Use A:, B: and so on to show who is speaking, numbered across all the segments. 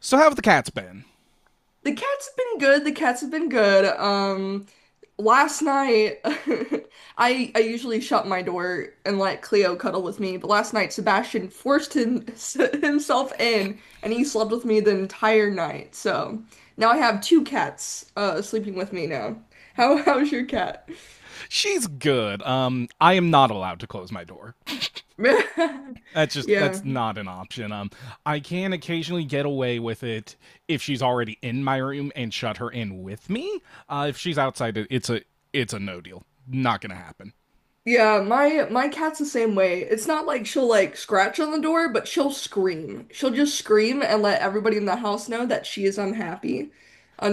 A: So how have the cats been?
B: The cats have been good. The cats have been good. Last night, I usually shut my door and let Cleo cuddle with me, but last night Sebastian forced him, himself in, and he slept with me the entire night. So now I have two cats sleeping with me now. How's your cat?
A: She's good. I am not allowed to close my door. That's just
B: Yeah.
A: that's not an option. I can occasionally get away with it if she's already in my room and shut her in with me. If she's outside, it's a no deal. Not gonna happen.
B: Yeah, my cat's the same way. It's not like she'll like scratch on the door, but she'll scream. She'll just scream and let everybody in the house know that she is unhappy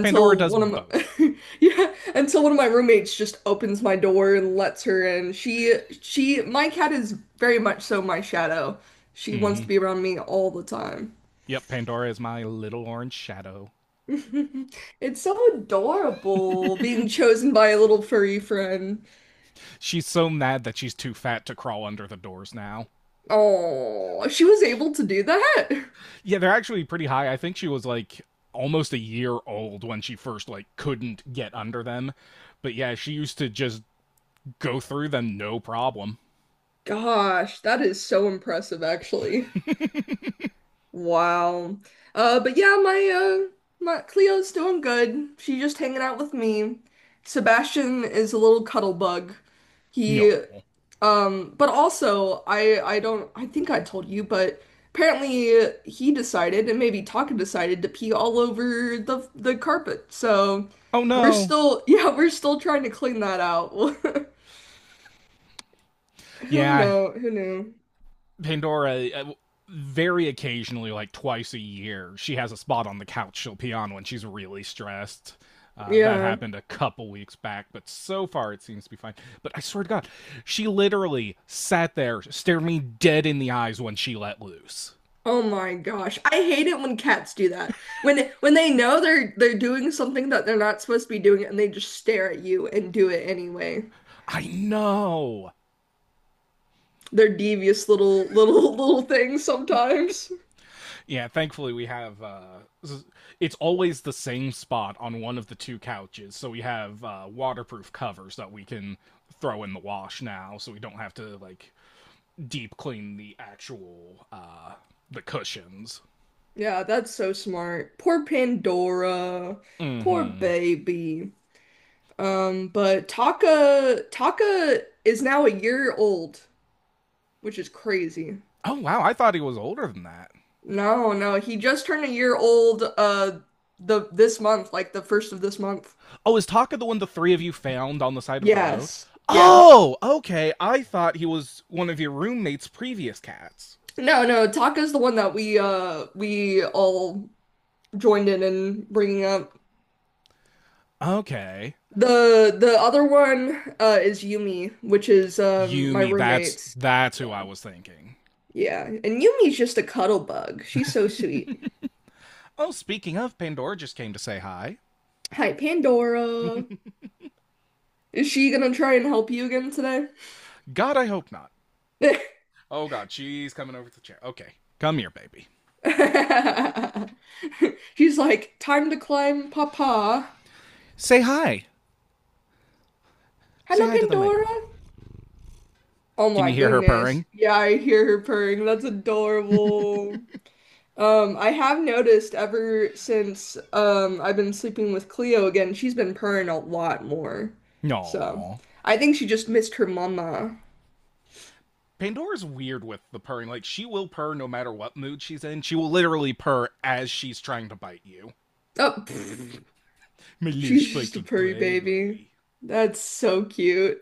A: Pandora does
B: one of
A: both.
B: my yeah, until one of my roommates just opens my door and lets her in. She my cat is very much so my shadow. She wants to
A: Mm-hmm.
B: be around me all the time.
A: Yep, Pandora is my little orange shadow.
B: It's so adorable being chosen by a little furry friend.
A: She's so mad that she's too fat to crawl under the doors now.
B: Oh, she was able to do that?
A: Yeah, they're actually pretty high. I think she was like almost a year old when she first like couldn't get under them. But yeah, she used to just go through them no problem.
B: Gosh, that is so impressive, actually. Wow. But yeah, my Cleo's doing good. She's just hanging out with me. Sebastian is a little cuddle bug. He,
A: No.
B: but also I don't I think I told you, but apparently he decided, and maybe Taka decided to pee all over the carpet. So
A: Oh
B: we're
A: no.
B: still yeah we're still trying to clean that out. Who
A: Yeah,
B: know? Who knew?
A: Pandora very occasionally like twice a year, she has a spot on the couch she'll pee on when she's really stressed. That
B: Yeah.
A: happened a couple weeks back, but so far it seems to be fine. But I swear to God, she literally sat there, stared me dead in the eyes when she let loose.
B: Oh my gosh. I hate it when cats do that. When they know they're doing something that they're not supposed to be doing and they just stare at you and do it anyway.
A: I know.
B: They're devious little little things sometimes.
A: Yeah, thankfully we have. It's always the same spot on one of the two couches, so we have waterproof covers that we can throw in the wash now, so we don't have to like deep clean the actual the cushions.
B: Yeah, that's so smart. Poor Pandora. Poor
A: Mm-hmm.
B: baby. But Taka is now a year old, which is crazy.
A: Oh wow, I thought he was older than that.
B: No, no, he just turned a year old the this month, like the first of this month.
A: Oh, is Taka the one the three of you found on the side of the road?
B: Yes, yes.
A: Oh, okay. I thought he was one of your roommate's previous cats.
B: No, no, Taka's the one that we all joined in bringing up.
A: Okay.
B: The other one is Yumi, which is my
A: Yumi. That's
B: roommate's.
A: that's who I
B: Yeah.
A: was thinking.
B: Yeah. And Yumi's just a cuddle bug. She's so sweet.
A: Oh, speaking of, Pandora just came to say hi.
B: Hi, Pandora. Is she gonna try and help you again today?
A: God, I hope not. Oh God, she's coming over to the chair. Okay, come here, baby.
B: She's like, time to climb, Papa.
A: Say hi. Say
B: Hello,
A: hi to the
B: Pandora.
A: microphone.
B: Oh
A: Can
B: my
A: you hear her
B: goodness.
A: purring?
B: Yeah, I hear her purring. That's adorable. I have noticed ever since I've been sleeping with Cleo again, she's been purring a lot more. So,
A: No.
B: I think she just missed her mama.
A: Pandora's weird with the purring. Like she will purr no matter what mood she's in. She will literally purr as she's trying to bite you.
B: Oh, pfft.
A: My little
B: She's just a
A: spiky
B: purry baby.
A: baby.
B: That's so cute.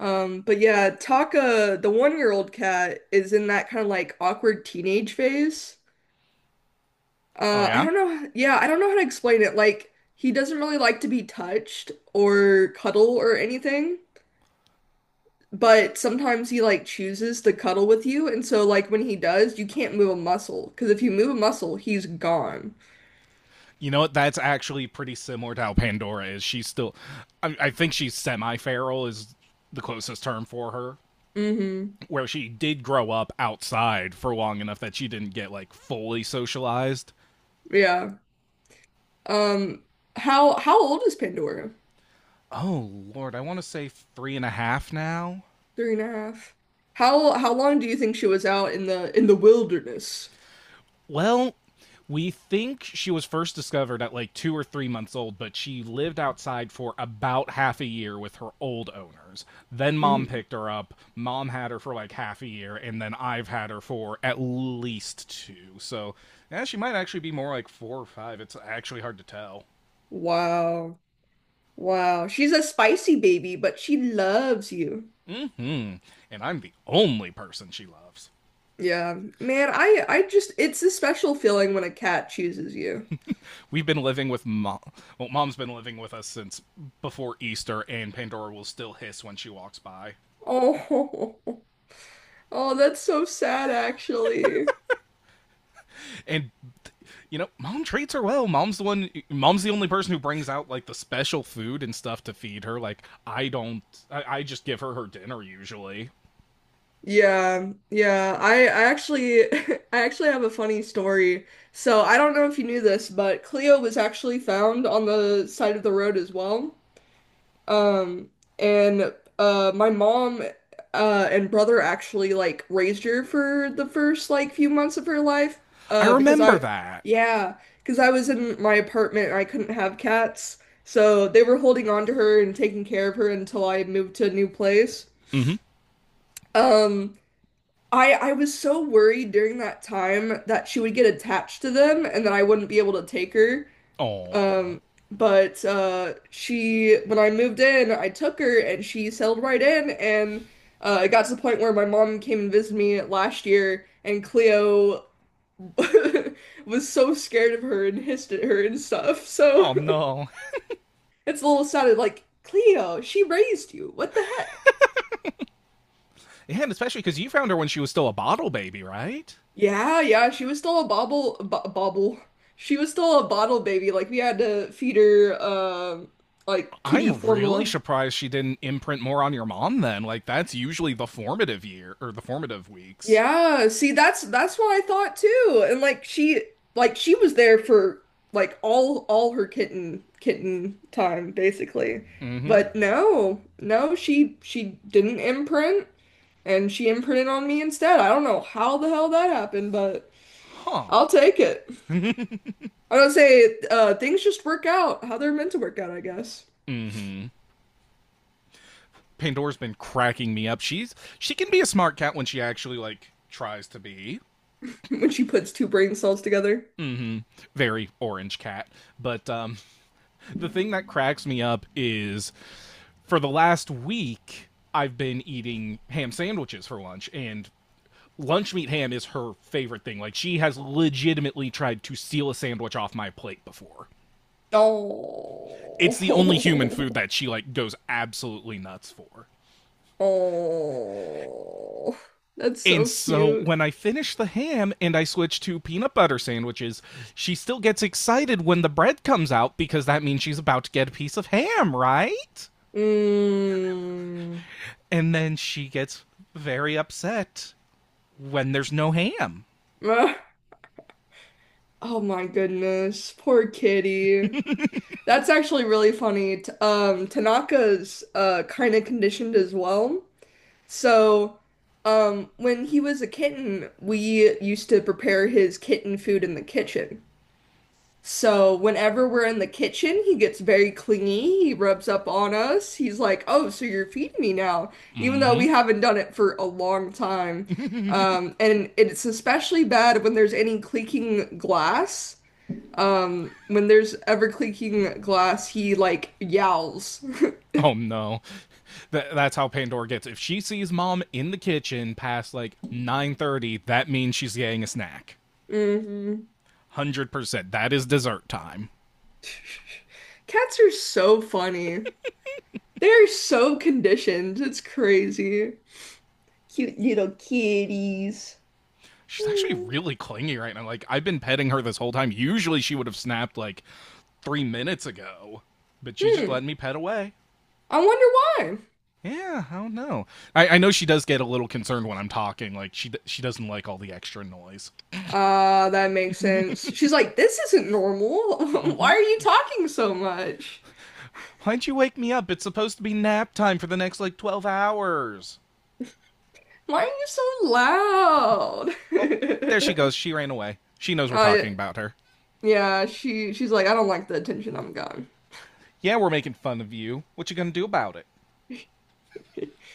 B: But yeah, Taka, the one-year-old cat, is in that kind of like awkward teenage phase.
A: Oh
B: I
A: yeah.
B: don't know. Yeah, I don't know how to explain it. Like, he doesn't really like to be touched or cuddle or anything, but sometimes he like chooses to cuddle with you, and so like when he does, you can't move a muscle because if you move a muscle, he's gone.
A: You know what? That's actually pretty similar to how Pandora is. She's still, I think she's semi feral, is the closest term for her,
B: Mm-hmm.
A: where she did grow up outside for long enough that she didn't get like fully socialized.
B: Yeah. Um, how old is Pandora?
A: Oh, Lord, I want to say three and a half now.
B: Three and a half. How long do you think she was out in the wilderness?
A: Well, we think she was first discovered at like 2 or 3 months old, but she lived outside for about half a year with her old owners. Then mom
B: Hmm.
A: picked her up. Mom had her for like half a year, and then I've had her for at least two. So, yeah, she might actually be more like four or five. It's actually hard to tell.
B: Wow. Wow. She's a spicy baby, but she loves you.
A: Mm-hmm. And I'm the only person she loves.
B: Yeah. Man, I just it's a special feeling when a cat chooses you.
A: We've been living with mom. Well, mom's been living with us since before Easter, and Pandora will still hiss when she walks by.
B: Oh. Oh, that's so sad actually.
A: And you know, mom treats her well. Mom's the one. Mom's the only person who brings out like the special food and stuff to feed her. Like I don't. I just give her her dinner usually.
B: Yeah. Yeah. I actually I actually have a funny story. So, I don't know if you knew this, but Cleo was actually found on the side of the road as well. Um, and my mom and brother actually like raised her for the first like few months of her life.
A: I
B: Because
A: remember
B: I
A: that.
B: yeah, because I was in my apartment and I couldn't have cats. So they were holding on to her and taking care of her until I moved to a new place.
A: Mm-hmm.
B: Um I was so worried during that time that she would get attached to them and that I wouldn't be able to take her.
A: Oh.
B: Um, but she when I moved in, I took her and she settled right in and it got to the point where my mom came and visited me last year and Cleo was so scared of her and hissed at her and stuff.
A: Oh
B: So
A: no.
B: it's a little sad like Cleo, she raised you. What the heck?
A: Yeah, and especially because you found her when she was still a bottle baby, right?
B: Yeah, yeah, she was still a bobble bo bobble. She was still a bottle baby. Like we had to feed her like kitty
A: I'm really
B: formula.
A: surprised she didn't imprint more on your mom then. Like that's usually the formative year or the formative weeks.
B: Yeah, see that's what I thought too. And like she was there for like all her kitten time basically.
A: Mm-hmm.
B: But no, no, she didn't imprint and she imprinted on me instead. I don't know how the hell that happened, but
A: Huh.
B: I'll take it. I don't say things just work out how they're meant to work out, I guess.
A: Mm-hmm. Pandora's been cracking me up. She can be a smart cat when she actually like tries to be.
B: When she puts two brain cells together.
A: Mm-hmm. Very orange cat. But the thing that cracks me up is for the last week I've been eating ham sandwiches for lunch and lunch meat ham is her favorite thing. Like she has legitimately tried to steal a sandwich off my plate before.
B: Oh.
A: It's the only human food that she like goes absolutely nuts for.
B: Oh, that's
A: And
B: so
A: so
B: cute.
A: when I finish the ham and I switch to peanut butter sandwiches, she still gets excited when the bread comes out because that means she's about to get a piece of ham, right?
B: Mm.
A: And then she gets very upset when there's no ham.
B: Ah, oh my goodness, poor kitty. That's actually really funny. Tanaka's kind of conditioned as well. So, when he was a kitten, we used to prepare his kitten food in the kitchen. So whenever we're in the kitchen, he gets very clingy. He rubs up on us. He's like, "Oh, so you're feeding me now," even though we haven't done it for a long time. And it's especially bad when there's any clinking glass. When there's ever clinking glass, he like yowls.
A: Oh no. That's how Pandora gets. If she sees mom in the kitchen past like 9:30, that means she's getting a snack.
B: Hmm.
A: 100%. That is dessert time.
B: Cats are so funny. They're so conditioned. It's crazy. Cute little kitties.
A: She's actually
B: Meow.
A: really clingy right now. Like I've been petting her this whole time. Usually she would have snapped like 3 minutes ago, but she's just
B: Hmm.
A: letting me pet away.
B: I wonder why.
A: Yeah, I don't know. I know she does get a little concerned when I'm talking. Like she doesn't like all the extra noise.
B: That makes sense. She's like, this isn't normal. Why are you talking so much?
A: Why'd you wake me up? It's supposed to be nap time for the next like 12 hours.
B: Why are you so loud?
A: Oh, there she goes. She ran away. She knows we're
B: Uh,
A: talking about her.
B: yeah, she she's like, I don't like the attention I'm getting.
A: Yeah, we're making fun of you. What you gonna do about it?